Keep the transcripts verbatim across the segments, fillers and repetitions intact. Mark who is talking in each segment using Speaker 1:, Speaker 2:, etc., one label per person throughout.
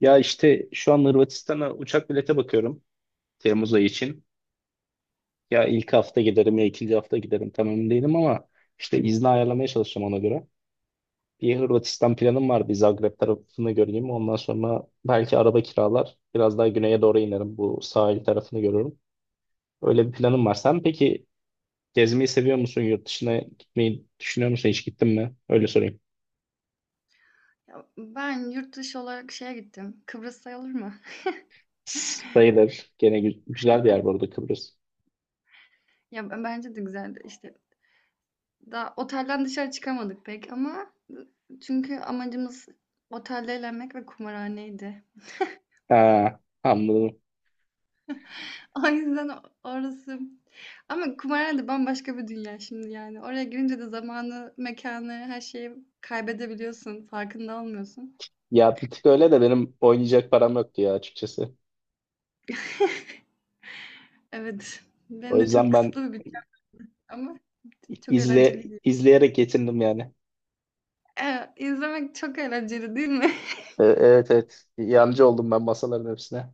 Speaker 1: Ya işte şu an Hırvatistan'a uçak bilete bakıyorum Temmuz ayı için. Ya ilk hafta giderim ya ikinci hafta giderim tam emin değilim ama işte izni ayarlamaya çalışacağım ona göre. Bir Hırvatistan planım var bir Zagreb tarafını göreyim. Ondan sonra belki araba kiralar biraz daha güneye doğru inerim bu sahil tarafını görürüm. Öyle bir planım var. Sen peki gezmeyi seviyor musun? Yurt dışına gitmeyi düşünüyor musun? Hiç gittin mi? Öyle sorayım.
Speaker 2: Ya, ben yurt dışı olarak şeye gittim. Kıbrıs sayılır mı?
Speaker 1: Sayılır. Gene gü- güzel bir yer burada Kıbrıs.
Speaker 2: Ya b- bence de güzeldi. İşte daha otelden dışarı çıkamadık pek ama çünkü amacımız otelde eğlenmek ve kumarhaneydi.
Speaker 1: Ha, anladım.
Speaker 2: O yüzden o- orası. Ama kumarhane de bambaşka bir dünya şimdi yani. Oraya girince de zamanı, mekanı, her şeyi kaybedebiliyorsun. Farkında olmuyorsun.
Speaker 1: Ya bir tık öyle de benim oynayacak param yoktu ya açıkçası.
Speaker 2: Evet.
Speaker 1: O
Speaker 2: Benim de çok
Speaker 1: yüzden ben
Speaker 2: kısıtlı bir bütçem ama çok
Speaker 1: izle
Speaker 2: eğlenceliydi.
Speaker 1: izleyerek yetindim yani.
Speaker 2: Evet, izlemek çok eğlenceli değil mi?
Speaker 1: E, Evet, evet. Yancı oldum ben masaların hepsine.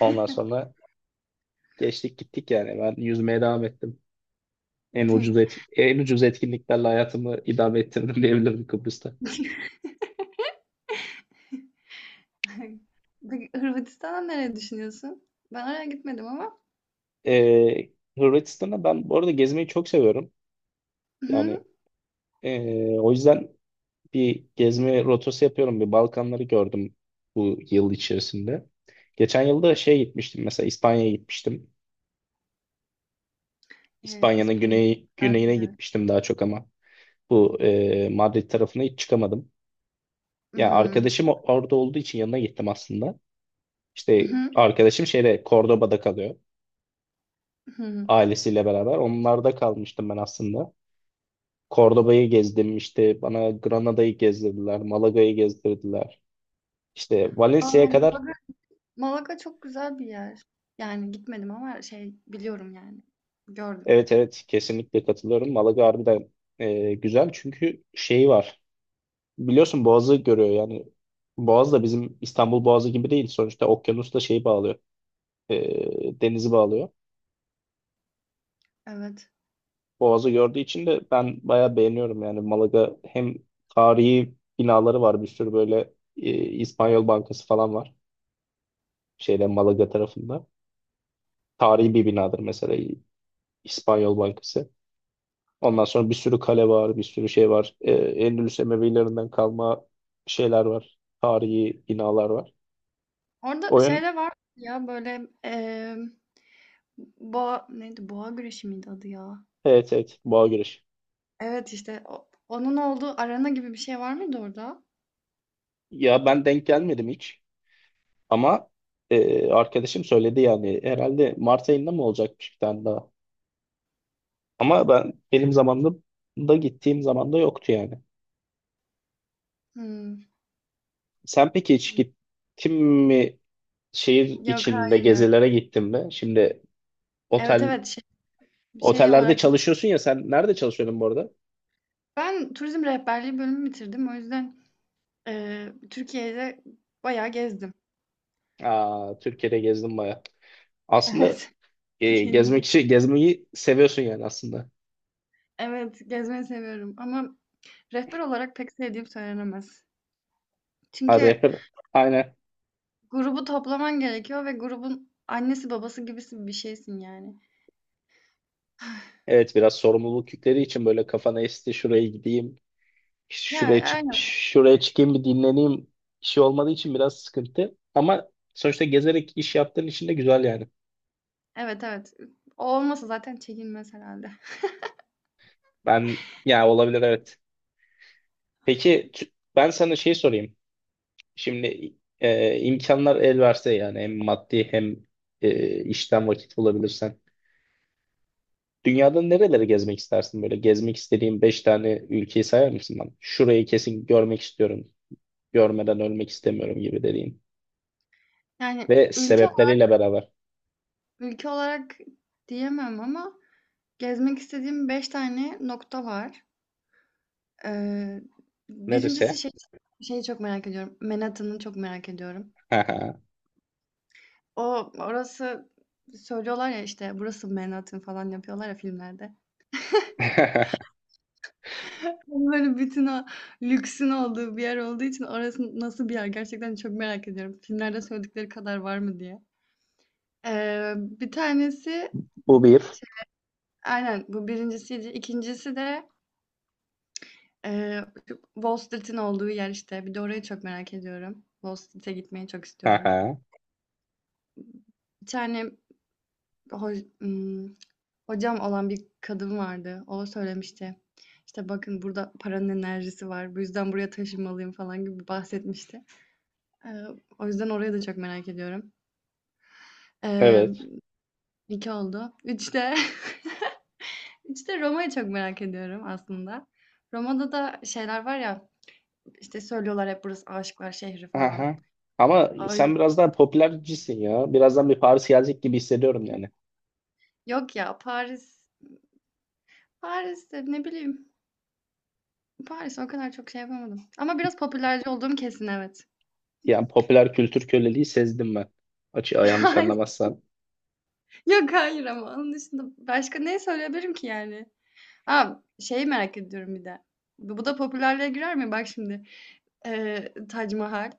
Speaker 1: Ondan sonra geçtik gittik yani. Ben yüzmeye devam ettim. En ucuz et, en ucuz etkinliklerle hayatımı idame ettirdim diyebilirim Kıbrıs'ta.
Speaker 2: Peki Hırvatistan'a nereye düşünüyorsun? Ben oraya gitmedim ama.
Speaker 1: E, Hırvatistan'a ben bu arada gezmeyi çok seviyorum.
Speaker 2: Hı hı.
Speaker 1: Yani e, o yüzden bir gezme rotası yapıyorum. Bir Balkanları gördüm bu yıl içerisinde. Geçen yılda şey gitmiştim mesela, İspanya'ya gitmiştim.
Speaker 2: Ee,
Speaker 1: İspanya'nın
Speaker 2: İspanya.
Speaker 1: güney, güneyine gitmiştim daha çok ama bu e, Madrid tarafına hiç çıkamadım.
Speaker 2: Hı
Speaker 1: Ya
Speaker 2: hı.
Speaker 1: arkadaşım orada olduğu için yanına gittim aslında.
Speaker 2: Hı
Speaker 1: İşte
Speaker 2: hı.
Speaker 1: arkadaşım şeyde Cordoba'da kalıyor
Speaker 2: Hı hı.
Speaker 1: ailesiyle beraber. Onlarda kalmıştım ben aslında. Cordoba'yı gezdim, işte bana Granada'yı gezdirdiler, Malaga'yı gezdirdiler. İşte
Speaker 2: Aa,
Speaker 1: Valencia'ya kadar.
Speaker 2: Malaga, Malaga çok güzel bir yer. Yani gitmedim ama şey biliyorum yani. Gördüm.
Speaker 1: Evet, evet, kesinlikle katılıyorum. Malaga harbiden e, güzel çünkü şeyi var. Biliyorsun Boğaz'ı görüyor yani. Boğaz da bizim İstanbul Boğazı gibi değil. Sonuçta okyanusla şeyi bağlıyor. E, denizi bağlıyor.
Speaker 2: Evet.
Speaker 1: Boğaz'ı gördüğü için de ben bayağı beğeniyorum yani. Malaga hem tarihi binaları var bir sürü böyle, e, İspanyol Bankası falan var. Şeyde Malaga tarafında. Tarihi bir binadır mesela İspanyol Bankası. Ondan sonra bir sürü kale var, bir sürü şey var. Ee, Endülüs Emevilerinden kalma şeyler var. Tarihi binalar var.
Speaker 2: Orada
Speaker 1: Oyun,
Speaker 2: şeyler var ya böyle eee boğa neydi? Boğa güreşi miydi adı ya?
Speaker 1: evet evet, boğa güreşi.
Speaker 2: Evet işte o- onun olduğu arena gibi bir şey var mıydı orada?
Speaker 1: Ya ben denk gelmedim hiç ama e, arkadaşım söyledi yani herhalde Mart ayında mı olacakmış bir tane daha. Ama ben benim zamanımda da gittiğim zamanda yoktu yani.
Speaker 2: Hmm.
Speaker 1: Sen peki hiç gittin mi, şehir
Speaker 2: Yok
Speaker 1: içinde
Speaker 2: hayır ya.
Speaker 1: gezilere gittin mi? Şimdi
Speaker 2: Evet
Speaker 1: otel
Speaker 2: evet şey, şey
Speaker 1: otellerde
Speaker 2: olarak
Speaker 1: çalışıyorsun ya, sen nerede çalışıyordun bu arada?
Speaker 2: ben turizm rehberliği bölümü bitirdim. O yüzden, eee, Türkiye'de bayağı gezdim.
Speaker 1: Aa, Türkiye'de gezdim baya. Aslında
Speaker 2: Evet,
Speaker 1: e,
Speaker 2: Türkiye'yi
Speaker 1: gezmek
Speaker 2: biliyorum.
Speaker 1: için gezmeyi seviyorsun yani aslında.
Speaker 2: Evet, gezmeyi seviyorum ama rehber olarak pek sevdiğim söylenemez.
Speaker 1: Ha,
Speaker 2: Çünkü
Speaker 1: rapper, aynen.
Speaker 2: grubu toplaman gerekiyor ve grubun annesi babası gibisi bir şeysin yani.
Speaker 1: Evet, biraz sorumluluk yükleri için böyle kafana esti şuraya gideyim, işte
Speaker 2: Ya,
Speaker 1: şuraya çık,
Speaker 2: aynen.
Speaker 1: şuraya çıkayım bir dinleneyim işi olmadığı için biraz sıkıntı. Ama sonuçta gezerek iş yaptığın için de güzel yani.
Speaker 2: Evet, evet. O olmasa zaten çekilmez herhâlde.
Speaker 1: Ben yani olabilir, evet. Peki t- ben sana şey sorayım. Şimdi e, imkanlar el verse yani hem maddi hem e, işten vakit bulabilirsen. Dünyada nereleri gezmek istersin böyle? Gezmek istediğin beş tane ülkeyi sayar mısın bana? Şurayı kesin görmek istiyorum. Görmeden ölmek istemiyorum gibi dediğin.
Speaker 2: Yani
Speaker 1: Ve
Speaker 2: ülke ola
Speaker 1: sebepleriyle beraber.
Speaker 2: ülke olarak diyemem ama gezmek istediğim beş tane nokta var. Eee, birincisi
Speaker 1: Neresi?
Speaker 2: şey şeyi çok merak ediyorum. Manhattan'ı çok merak ediyorum.
Speaker 1: Haha.
Speaker 2: O orası söylüyorlar ya, işte, "Burası Manhattan." falan yapıyorlar ya filmlerde. Tam böyle bütün o lüksün olduğu bir yer olduğu için orası nasıl bir yer gerçekten çok merak ediyorum. Filmlerde söyledikleri kadar var mı diye. Eee, bir tanesi
Speaker 1: Bu bir.
Speaker 2: şey. Aynen, bu birincisiydi. ikincisi de, eee, şu Wall Street'in olduğu yer, işte. Bir de orayı çok merak ediyorum. Wall Street'e gitmeyi çok istiyorum.
Speaker 1: Haha.
Speaker 2: Bir tane ho- ım, hocam olan bir kadın vardı. O söylemişti. İşte bakın burada paranın enerjisi var. Bu yüzden buraya taşınmalıyım falan gibi bahsetmişti. Ee, o yüzden orayı da çok merak ediyorum. Ee,
Speaker 1: Evet.
Speaker 2: iki oldu. Üçte, üçte Roma'yı çok merak ediyorum aslında. Roma'da da şeyler var ya işte söylüyorlar hep burası aşıklar şehri falan.
Speaker 1: Haha. Ama
Speaker 2: Ay,
Speaker 1: sen biraz daha popülercisin ya. Birazdan bir Paris gelecek gibi hissediyorum yani.
Speaker 2: yok ya Paris. Paris'te ne bileyim. Paris o kadar çok şey yapamadım. Ama biraz popülerci olduğum kesin evet.
Speaker 1: Yani popüler kültür köleliği sezdim ben. Açığa yanlış anlamazsan.
Speaker 2: Yok, hayır ama onun dışında başka ne söyleyebilirim ki yani? A, şeyi merak ediyorum bir de. Bu bu da popülerliğe girer mi? Bak şimdi, eee, Tac Mahal.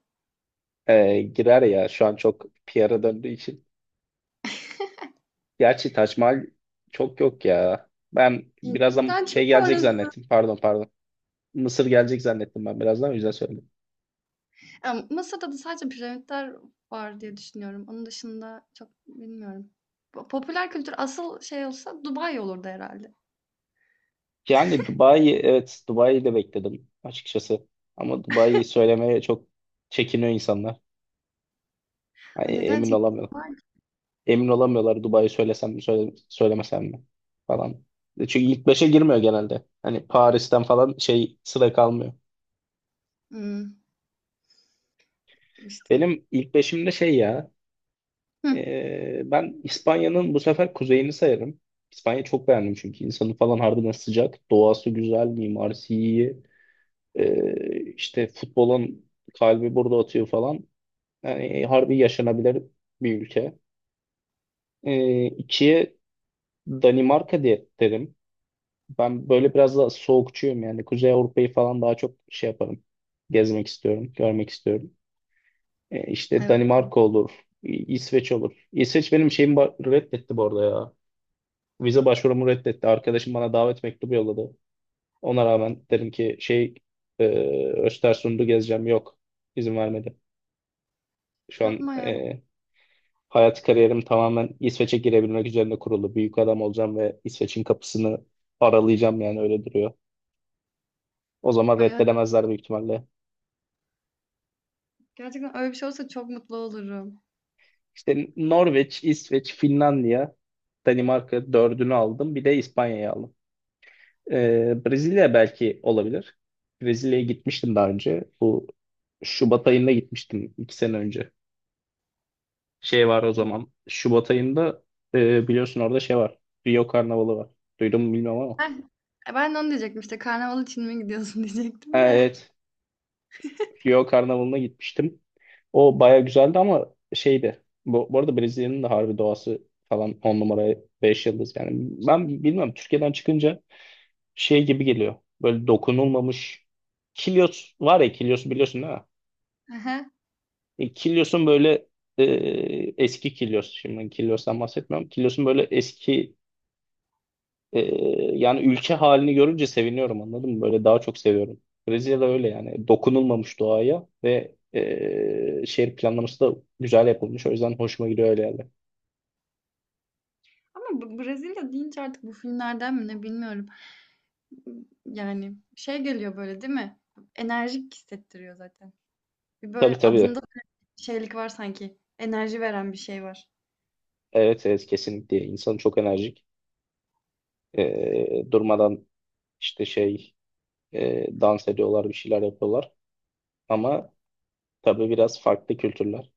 Speaker 1: Ee, girer ya şu an çok P R'a döndüğü için. Gerçi Taç Mahal çok yok ya. Ben birazdan
Speaker 2: Hindistan
Speaker 1: şey
Speaker 2: çünkü
Speaker 1: gelecek
Speaker 2: orası.
Speaker 1: zannettim. Pardon, pardon. Mısır gelecek zannettim ben birazdan, o yüzden söyledim.
Speaker 2: Ya, Mısır'da da sadece piramitler var diye düşünüyorum. Onun dışında çok bilmiyorum. Po popüler kültür asıl şey olsa Dubai olurdu herhalde.
Speaker 1: Yani Dubai'yi, evet, Dubai'yi de bekledim açıkçası. Ama Dubai'yi söylemeye çok çekiniyor insanlar.
Speaker 2: A,
Speaker 1: Hani
Speaker 2: neden
Speaker 1: emin
Speaker 2: çekindim
Speaker 1: olamıyor.
Speaker 2: var
Speaker 1: Emin olamıyorlar Dubai'yi söylesem mi söyle, söylemesem mi falan. E, Çünkü ilk beşe girmiyor genelde. Hani Paris'ten falan şey sıra kalmıyor.
Speaker 2: işte.
Speaker 1: Benim ilk beşimde şey ya.
Speaker 2: Hıh.
Speaker 1: Ee, ben İspanya'nın bu sefer kuzeyini sayarım. İspanya çok beğendim çünkü insanı falan harbiden sıcak. Doğası güzel, mimarisi iyi. Ee, işte futbolun kalbi burada atıyor falan. Yani harbi yaşanabilir bir ülke. Ee, ikiye Danimarka diye derim. Ben böyle biraz da soğukçuyum yani. Kuzey Avrupa'yı falan daha çok şey yaparım. Gezmek istiyorum, görmek istiyorum. Ee, işte
Speaker 2: Evet.
Speaker 1: Danimarka olur, İ- İsveç olur. İsveç benim şeyimi ba- reddetti bu arada ya. Vize başvurumu reddetti. Arkadaşım bana davet mektubu yolladı. Ona rağmen dedim ki şey, e, Östersund'u gezeceğim. Yok, izin vermedi. Şu an
Speaker 2: Yapma ya.
Speaker 1: e, hayat kariyerim tamamen İsveç'e girebilmek üzerine kurulu. Büyük adam olacağım ve İsveç'in kapısını aralayacağım yani öyle duruyor. O zaman
Speaker 2: Ay,
Speaker 1: reddedemezler büyük ihtimalle.
Speaker 2: gerçekten öyle bir şey olsa çok mutlu olurum.
Speaker 1: İşte Norveç, İsveç, Finlandiya, Danimarka dördünü aldım. Bir de İspanya'yı aldım. Ee, Brezilya belki olabilir. Brezilya'ya gitmiştim daha önce. Bu Şubat ayında gitmiştim iki sene önce. Şey var o zaman. Şubat ayında e, biliyorsun orada şey var. Rio Karnavalı var. Duydun mu bilmiyorum ama.
Speaker 2: Heh, e, ben de onu diyecektim işte, karnaval için mi gidiyorsun
Speaker 1: Ha,
Speaker 2: diyecektim de.
Speaker 1: evet. Rio Karnavalı'na gitmiştim. O baya güzeldi ama şeydi. Bu, bu arada Brezilya'nın da harbi doğası falan on numara beş yıldız. Yani ben bilmiyorum Türkiye'den çıkınca şey gibi geliyor. Böyle dokunulmamış Kilyos var ya, Kilyos'u biliyorsun değil mi?
Speaker 2: Hı.
Speaker 1: E, Kilyos'un böyle e, eski Kilyos, şimdi Kilyos'tan bahsetmiyorum. Kilyos'un böyle eski e, yani ülke halini görünce seviniyorum anladın mı? Böyle daha çok seviyorum. Brezilya'da öyle yani dokunulmamış doğaya ve e, şehir planlaması da güzel yapılmış. O yüzden hoşuma gidiyor öyle yerler.
Speaker 2: Ama Bra- Brezilya deyince artık bu filmlerden mi ne bilmiyorum. Yani şey geliyor böyle değil mi? Enerjik hissettiriyor zaten. Bir
Speaker 1: Tabii,
Speaker 2: böyle
Speaker 1: tabii.
Speaker 2: adında da bir şeylik var sanki. Enerji veren bir şey var.
Speaker 1: Evet evet, kesinlikle. İnsan çok enerjik. E, durmadan işte şey e, dans ediyorlar, bir şeyler yapıyorlar. Ama tabii biraz farklı kültürler.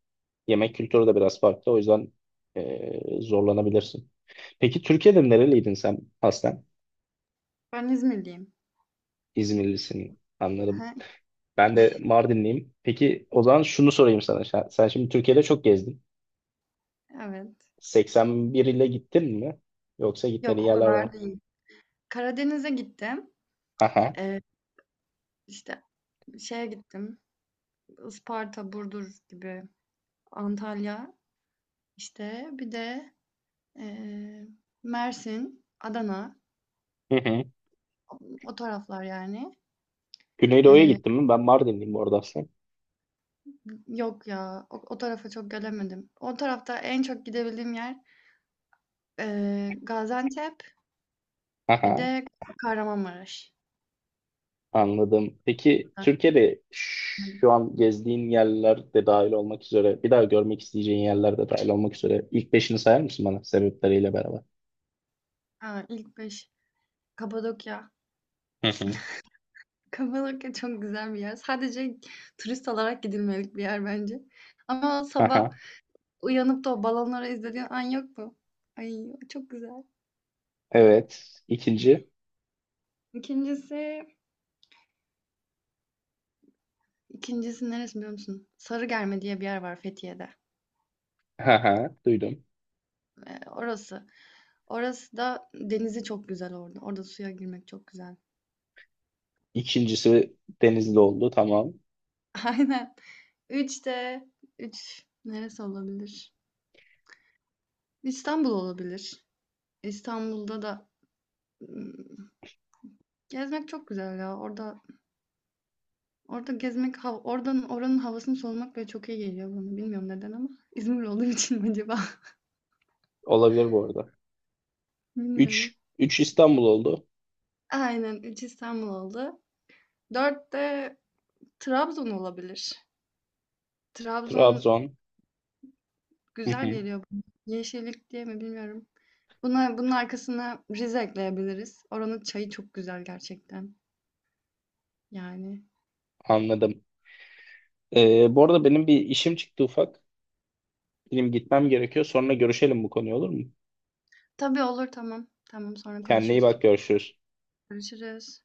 Speaker 1: Yemek kültürü de biraz farklı. O yüzden e, zorlanabilirsin. Peki Türkiye'de nereliydin sen aslen?
Speaker 2: Ben İzmirliyim.
Speaker 1: İzmirlisin, anladım.
Speaker 2: Hı.
Speaker 1: Ben de Mardinliyim. Peki o zaman şunu sorayım sana. Sen sen şimdi Türkiye'de çok gezdin.
Speaker 2: Evet.
Speaker 1: seksen bir ile gittin mi? Yoksa gitmediğin
Speaker 2: Yok o
Speaker 1: yerler var
Speaker 2: kadar
Speaker 1: mı?
Speaker 2: değil. Karadeniz'e gittim.
Speaker 1: Aha.
Speaker 2: Ee, işte şeye gittim. Isparta, Burdur gibi. Antalya. İşte bir de Eee, Mersin, Adana,
Speaker 1: Hı hı.
Speaker 2: o taraflar yani.
Speaker 1: Güneydoğu'ya
Speaker 2: Eee,
Speaker 1: gittin mi? Ben Mardinliyim orada aslında.
Speaker 2: yok ya, o, o tarafa çok gelemedim. O tarafta en çok gidebildiğim yer eee, Gaziantep, bir
Speaker 1: Aha.
Speaker 2: de Kahramanmaraş.
Speaker 1: Anladım. Peki Türkiye'de şu an gezdiğin yerler de dahil olmak üzere, bir daha görmek isteyeceğin yerler de dahil olmak üzere ilk beşini sayar mısın bana sebepleriyle beraber?
Speaker 2: Ha, ilk beş. Kapadokya.
Speaker 1: Hı hı.
Speaker 2: Kapadokya çok güzel bir yer. Sadece turist olarak gidilmelik bir yer bence. Ama sabah
Speaker 1: Aha,
Speaker 2: uyanıp da o balonları izlediğin an yok mu? Ay çok güzel.
Speaker 1: evet. İkinci.
Speaker 2: İkincisi. İkincisi neresi biliyor musun? Sarıgerme diye bir yer var Fethiye'de.
Speaker 1: Aha, duydum.
Speaker 2: Ee, orası. Orası da denizi çok güzel orada. Orada suya girmek çok güzel.
Speaker 1: İkincisi Denizli oldu. Tamam.
Speaker 2: Aynen. Üç de üç neresi olabilir? İstanbul olabilir. İstanbul'da da ım, gezmek çok güzel ya. Orada orada gezmek hav- oradan oranın havasını solumak böyle çok iyi geliyor bana. Bilmiyorum neden ama İzmir olduğu için mi acaba?
Speaker 1: Olabilir bu arada.
Speaker 2: Bilmiyorum.
Speaker 1: Üç. Üç İstanbul oldu.
Speaker 2: Aynen üç İstanbul oldu. Dört de Trabzon olabilir. Trabzon
Speaker 1: Trabzon. Hı
Speaker 2: güzel
Speaker 1: hı,
Speaker 2: geliyor bana. Yeşillik diye mi bilmiyorum. Buna, bunun arkasına Rize ekleyebiliriz. Oranın çayı çok güzel gerçekten. Yani.
Speaker 1: anladım. Ee, bu arada benim bir işim çıktı ufak. Benim gitmem gerekiyor. Sonra görüşelim bu konuyu, olur mu?
Speaker 2: Tabii olur tamam. Tamam sonra
Speaker 1: Kendine iyi
Speaker 2: konuşuruz.
Speaker 1: bak, görüşürüz.
Speaker 2: Görüşürüz.